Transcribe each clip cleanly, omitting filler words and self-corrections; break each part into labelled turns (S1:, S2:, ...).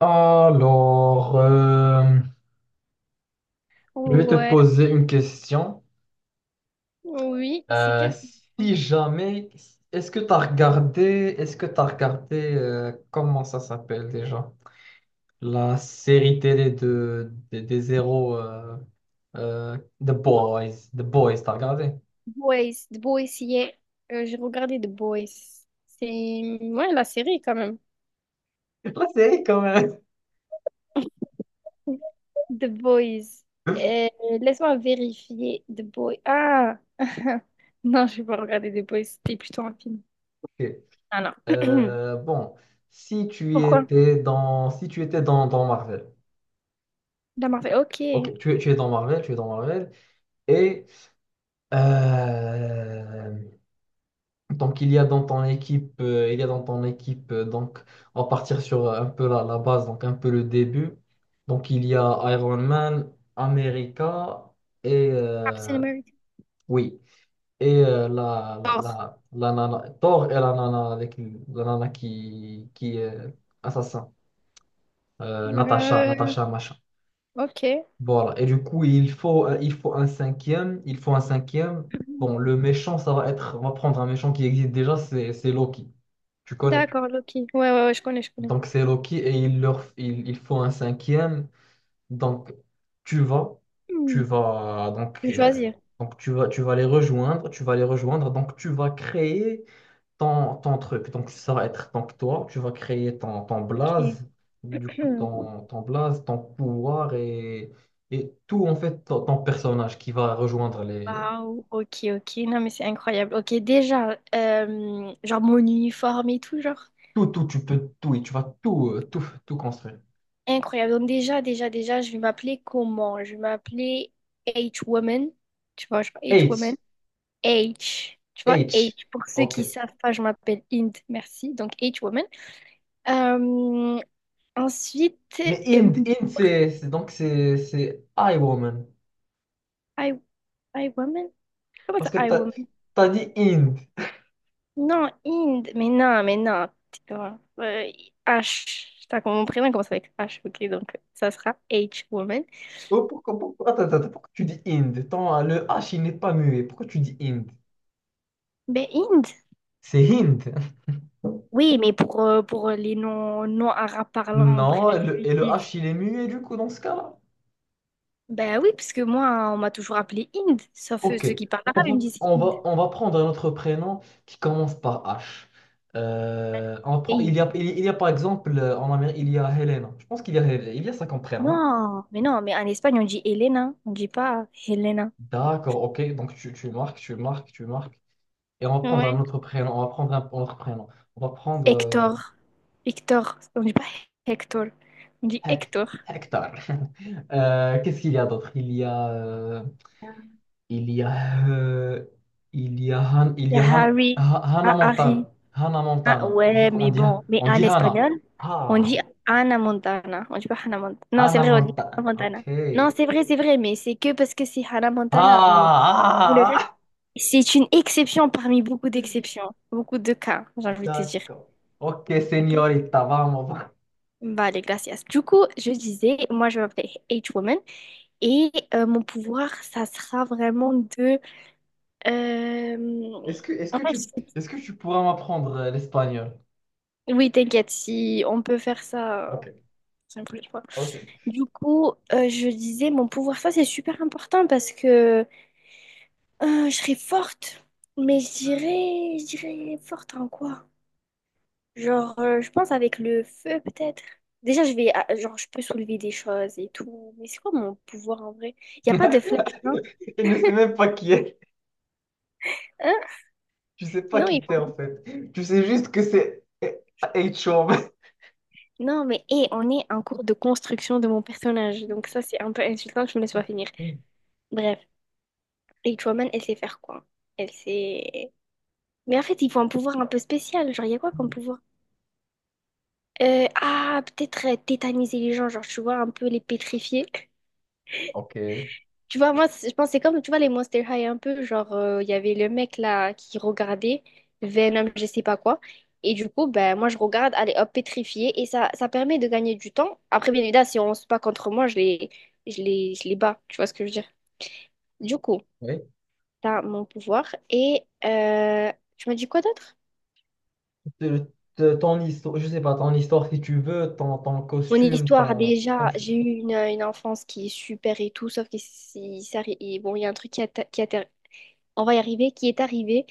S1: Alors, euh, je vais te
S2: Ouais,
S1: poser une question.
S2: oui, c'est
S1: Euh,
S2: quel...
S1: si jamais, est-ce que tu as regardé, est-ce que tu regardé, comment ça s'appelle déjà? La série télé des héros euh, The
S2: C'est quoi?
S1: Boys. The Boys, t'as regardé?
S2: Boys, The Boys, yeah. J'ai regardé The Boys. C'est, ouais, la série quand même.
S1: La série quand même.
S2: The Boys. Euh, laisse-moi vérifier The Boys. Ah! Non, je vais pas regarder The Boys. C'était plutôt un film.
S1: Ok.
S2: Ah non.
S1: Euh, bon, si tu
S2: Pourquoi?
S1: étais dans Marvel.
S2: La Marvel. Ok.
S1: Ok, tu es dans Marvel, et euh, Donc il y a dans ton équipe, il y a dans ton équipe, donc, On va partir sur un peu la base, donc un peu le début. Donc, il y a Iron Man, America et,
S2: Captain America.
S1: oui, et la,
S2: Thor.
S1: la nana, Thor et la nana, avec, la nana qui est assassin, Natasha,
S2: Euh,
S1: Natasha, machin.
S2: ok.
S1: Voilà. Et du coup, il faut un cinquième. Bon, le méchant, ça va être, on va prendre un méchant qui existe déjà, c'est Loki. Tu connais?
S2: D'accord, Loki. Ouais, ouais, ouais, je connais, je connais.
S1: Donc, c'est Loki et il faut un cinquième. Donc, tu vas, tu
S2: Hmm.
S1: vas,
S2: Je vais choisir.
S1: donc tu vas les rejoindre. Donc, tu vas créer ton truc. Donc, ça va être donc toi, tu vas créer ton
S2: Ok.
S1: blaze, du coup, ton blaze, ton pouvoir et tout, en fait, ton personnage qui va rejoindre les.
S2: Waouh, ok, ok. Non, mais c'est incroyable. Ok, déjà, genre mon uniforme et tout, genre,
S1: Tout, tout, tu peux tout, et tu vas tout, tout construire.
S2: incroyable. Donc, déjà, je vais m'appeler comment? Je vais m'appeler H-Woman. Tu vois, genre
S1: H,
S2: H-Woman. H. Tu vois,
S1: H,
S2: H. Pour ceux qui
S1: ok.
S2: savent pas, je m'appelle Int. Merci. Donc, H-Woman. Euh, ensuite,
S1: Mais
S2: euh,
S1: Inde, Inde, c'est I woman.
S2: I, I Woman? Comment
S1: Parce
S2: ça,
S1: que
S2: I
S1: t'as
S2: Woman?
S1: as dit Inde.
S2: Non, Inde. Mais non, mais non. Tais-toi. H. T'as comme mon prénom commence avec H, ok, donc ça sera H, woman.
S1: Oh, pourquoi, attends, attends, pourquoi tu dis Inde? Tant, le H il n'est pas muet. Pourquoi tu dis Inde?
S2: Mais Inde.
S1: C'est Hind.
S2: Oui, mais pour les non, non arabes parlants, bref,
S1: Non, et
S2: ils
S1: et le
S2: disent-
S1: H il est muet du coup dans ce cas-là.
S2: Ben oui, parce que moi, on m'a toujours appelé Inde, sauf
S1: Ok,
S2: ceux qui parlent
S1: on
S2: arabe, ils
S1: va,
S2: me disent Inde.
S1: on va prendre un autre prénom qui commence par H. On
S2: Et
S1: prend,
S2: ils disent,
S1: il y a par exemple en Amérique, il y a Helena. Je pense qu'il y a, Hel- il y a ça comme prénom, non?
S2: non, mais non, mais en Espagne, on dit Elena, on dit pas Helena.
S1: D'accord, ok, donc tu marques, tu marques. Et on va prendre un
S2: Ouais.
S1: autre prénom. On va prendre un autre prénom. On va prendre
S2: Hector. Hector, on dit pas Hector, on dit
S1: Hect-
S2: Hector.
S1: Hector. Qu'est-ce qu'il y a d'autre? Il y a, euh, il y a, Han- il
S2: Il
S1: y
S2: y a
S1: a Han-
S2: Harry,
S1: Ha- Hannah
S2: ah, Harry.
S1: Montana. Hannah
S2: Ah,
S1: Montana. Du
S2: ouais,
S1: coup,
S2: mais bon, mais
S1: on
S2: en
S1: dit
S2: espagnol,
S1: Hannah.
S2: on dit
S1: Ah,
S2: Ana Montana. On dit pas Hannah Montana. Non, c'est
S1: Hannah
S2: vrai, on dit Hannah
S1: Montana. Ok.
S2: Montana. Non, c'est vrai, mais c'est que parce que c'est Hannah Montana. Mais pour le
S1: Ah,
S2: reste,
S1: ah,
S2: c'est une exception parmi beaucoup d'exceptions, beaucoup de cas, j'ai envie de te dire.
S1: d'accord. Ok,
S2: Ok?
S1: señorita, vamos. Va.
S2: Vale, gracias. Du coup, je disais, moi je m'appelle H-Woman et mon pouvoir, ça sera vraiment de. euh,
S1: Est-ce que,
S2: en fait, je-
S1: est-ce que tu pourras m'apprendre l'espagnol?
S2: oui, t'inquiète, si on peut faire ça
S1: Ok,
S2: une prochaine fois.
S1: ok.
S2: Du coup, je disais, mon pouvoir, ça c'est super important parce que je serais forte, mais je dirais forte en quoi? Genre, je pense avec le feu peut-être. Déjà, je vais, ah, genre, je peux soulever des choses et tout, mais c'est quoi mon pouvoir en vrai? Il n'y a pas de flash, non?
S1: Je ne sais même pas qui est.
S2: Hein?
S1: Tu sais pas
S2: Non, il
S1: qui
S2: faut...
S1: t'es en fait. Tu sais juste que c'est H-Chauve.
S2: Non, mais hé, on est en cours de construction de mon personnage, donc ça c'est un peu insultant que je me laisse pas finir. Bref, Eight Woman, elle sait faire quoi? Elle sait... Mais en fait, il faut un pouvoir un peu spécial, genre, il y a quoi comme pouvoir? Peut-être tétaniser les gens, genre, tu vois, un peu les pétrifier.
S1: Ok.
S2: Tu vois, moi, c'est- je pense que c'est comme, tu vois, les Monster High, un peu, genre, il y avait le mec, là, qui regardait Venom, je sais pas quoi. Et du coup, ben, moi, je regarde, allez, hop, pétrifier. Et ça permet de gagner du temps. Après, bien évidemment, si on se bat contre moi, je les bats. Tu vois ce que je veux dire? Du coup,
S1: Oui.
S2: t'as mon pouvoir. Et tu m'as dit quoi d'autre?
S1: Te- ton histoire, je sais pas, ton histoire si tu veux, ton
S2: Mon
S1: costume,
S2: histoire,
S1: ton. Comme
S2: déjà,
S1: tu
S2: j'ai
S1: veux.
S2: eu une enfance qui est super et tout, sauf que c'est- ça arri- et bon, il y a un truc qui a, ta- qui a ter- on va y arriver, qui est arrivé.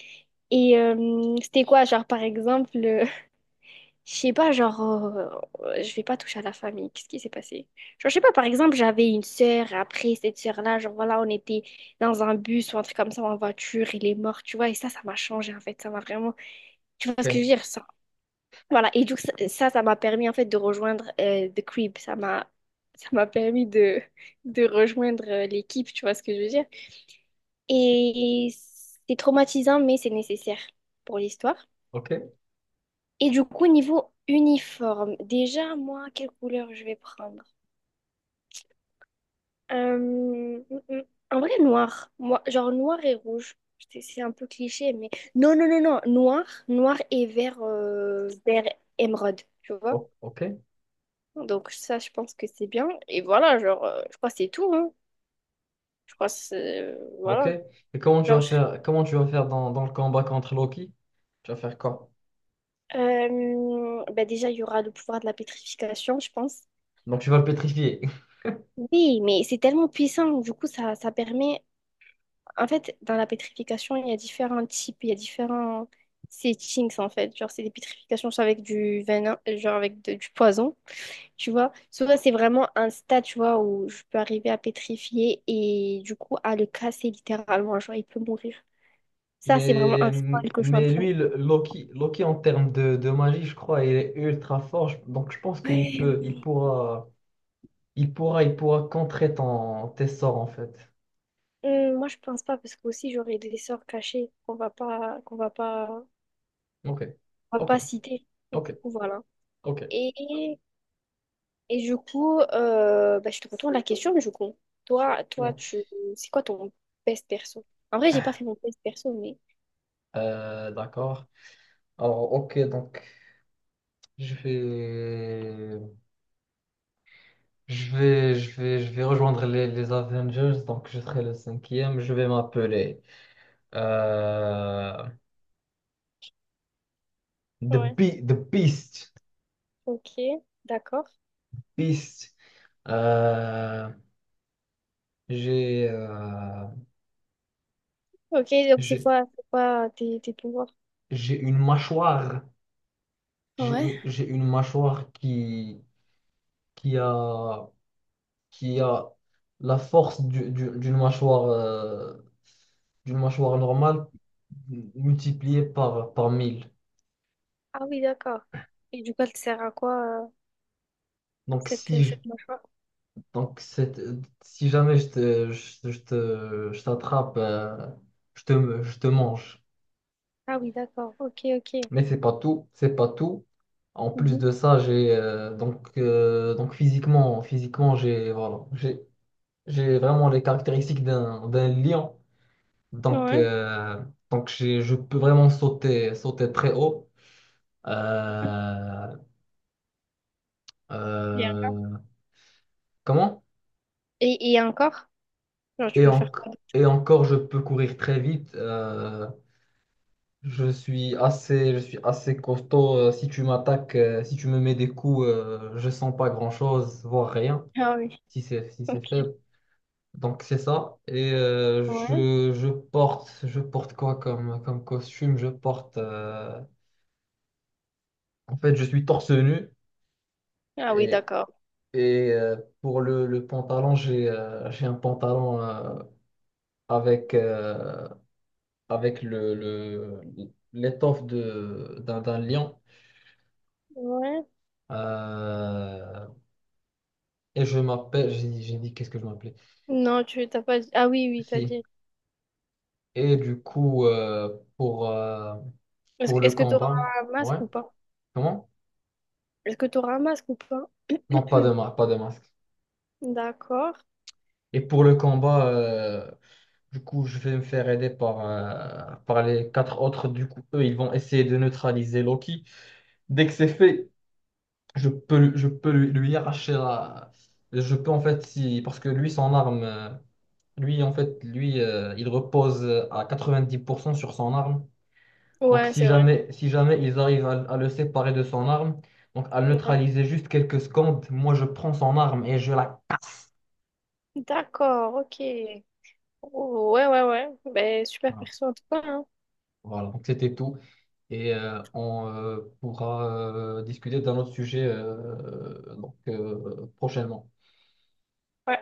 S2: Et c'était quoi, genre, par exemple, je sais pas, genre, je vais pas toucher à la famille, qu'est-ce qui s'est passé? Genre, je sais pas, par exemple, j'avais une sœur, après cette sœur-là, genre, voilà, on était dans un bus ou un truc comme ça, en voiture, il est mort, tu vois, et ça m'a changé, en fait, ça m'a vraiment, tu vois ce que je veux
S1: Ok.
S2: dire? Voilà, et du coup, ça m'a permis en fait de rejoindre The Crib. Ça m'a ça m'a permis de rejoindre l'équipe, tu vois ce que je veux dire. Et c'est traumatisant, mais c'est nécessaire pour l'histoire.
S1: Ok.
S2: Et du coup, niveau uniforme, déjà, moi, quelle couleur je vais prendre? Euh, mm, mm, en vrai, noir. Moi, genre noir et rouge. C'est un peu cliché, mais... Non, non, non, non. Noir, noir et vert, vert émeraude, tu vois?
S1: Ok. Ok.
S2: Donc ça, je pense que c'est bien. Et voilà, genre, je crois que c'est tout, hein. Je crois que c'est...
S1: Ok.
S2: voilà.
S1: Et comment tu
S2: Genre,
S1: vas
S2: je-
S1: faire, comment tu vas faire dans le combat contre Loki? Tu vas faire quoi?
S2: bah déjà, il y aura le pouvoir de la pétrification, je pense.
S1: Donc tu vas le pétrifier.
S2: Oui, mais c'est tellement puissant. Du coup, ça permet... En fait, dans la pétrification, il y a différents types, il y a différents settings, en fait. Genre, c'est des pétrifications soit avec du venin, genre avec de- du poison, tu vois. Soit c'est vraiment un stade, tu vois, où je peux arriver à pétrifier et du coup, à le casser littéralement. Genre, il peut mourir. Ça, c'est vraiment
S1: Mais,
S2: un spoil que je suis en
S1: mais
S2: train de...
S1: lui, le- Loki, Loki en termes de magie, je crois, il est ultra fort. Je- donc je pense qu'il
S2: Ouais,
S1: peut, il
S2: mais...
S1: pourra. Il pourra contrer ton, tes sorts en fait.
S2: moi, je pense pas, parce que aussi, j'aurais des sorts cachés
S1: Ok,
S2: qu'on va
S1: ok,
S2: pas citer. Donc,
S1: ok,
S2: du coup, voilà.
S1: ok.
S2: Et Et du coup, bah, je te retourne la question, mais du coup,
S1: Mm.
S2: tu, c'est quoi ton best perso? En vrai, j'ai pas fait mon best perso, mais
S1: D'accord. Alors, ok, donc je vais, je vais rejoindre les Avengers. Donc, je serai le cinquième. Je vais m'appeler euh, The
S2: ouais.
S1: Be- The Beast,
S2: Ok, d'accord.
S1: Beast. Euh, j'ai, euh,
S2: Ok, donc
S1: j'ai,
S2: c'est quoi tes, tes pouvoirs?
S1: j'ai une mâchoire.
S2: Ouais.
S1: J'ai une mâchoire qui a qui a la force d'une mâchoire normale multipliée par mille.
S2: Ah oui, d'accord. Et du coup, elle te sert à quoi,
S1: Donc,
S2: cette,
S1: si, je-
S2: cette mâchoire?
S1: donc c'est- Si jamais je je t'attrape, je te mange.
S2: Ah oui, d'accord. Ok, ok.
S1: Mais c'est pas tout, c'est pas tout. En plus
S2: Mhm.
S1: de ça, j'ai donc physiquement, physiquement j'ai voilà, j'ai vraiment les caractéristiques d'un lion. Donc,
S2: Ouais.
S1: je peux vraiment sauter, sauter très haut. Euh,
S2: Bien.
S1: euh, comment?
S2: Et encore? Genre, tu
S1: Et,
S2: peux
S1: en-
S2: faire quoi d'autre?
S1: et encore, je peux courir très vite. Je suis assez costaud. Si tu me mets des coups, je sens pas grand-chose, voire rien,
S2: Ah oui.
S1: si
S2: Ok.
S1: c'est faible. Donc c'est ça. Et
S2: Ouais.
S1: je porte quoi comme, comme costume? Je porte. Euh, en fait, je suis torse nu
S2: Ah oui,
S1: et,
S2: d'accord.
S1: et pour le pantalon, j'ai un pantalon. Avec, avec l'étoffe d'un lion.
S2: Ouais.
S1: Euh, et je m'appelle, j'ai dit qu'est-ce que je m'appelais?
S2: Non, tu t'as pas dit. Ah oui, oui, t'as
S1: Si.
S2: dit.
S1: Et du coup, pour, euh, pour le
S2: Est-ce que t'auras
S1: combat,
S2: un masque
S1: ouais,
S2: ou pas?
S1: comment?
S2: Est-ce que t'auras un masque ou pas?
S1: Non, pas de masque, pas de masque.
S2: D'accord.
S1: Et pour le combat, du coup, je vais me faire aider par les quatre autres. Du coup, eux, ils vont essayer de neutraliser Loki. Dès que c'est fait, je peux, lui- je peux lui, lui arracher la... Je peux en fait, si... parce que lui, son arme, lui, en fait, lui, il repose à 90% sur son arme. Donc,
S2: Ouais, c'est vrai.
S1: si jamais ils arrivent à le séparer de son arme, donc à le
S2: Ouais.
S1: neutraliser juste quelques secondes, moi, je prends son arme et je la...
S2: D'accord, ok. Oh, ouais, ouais, ouais. Ben, super
S1: Ah,
S2: perso en tout cas, hein.
S1: voilà, donc c'était tout. Et on pourra discuter d'un autre sujet prochainement.
S2: Ouais.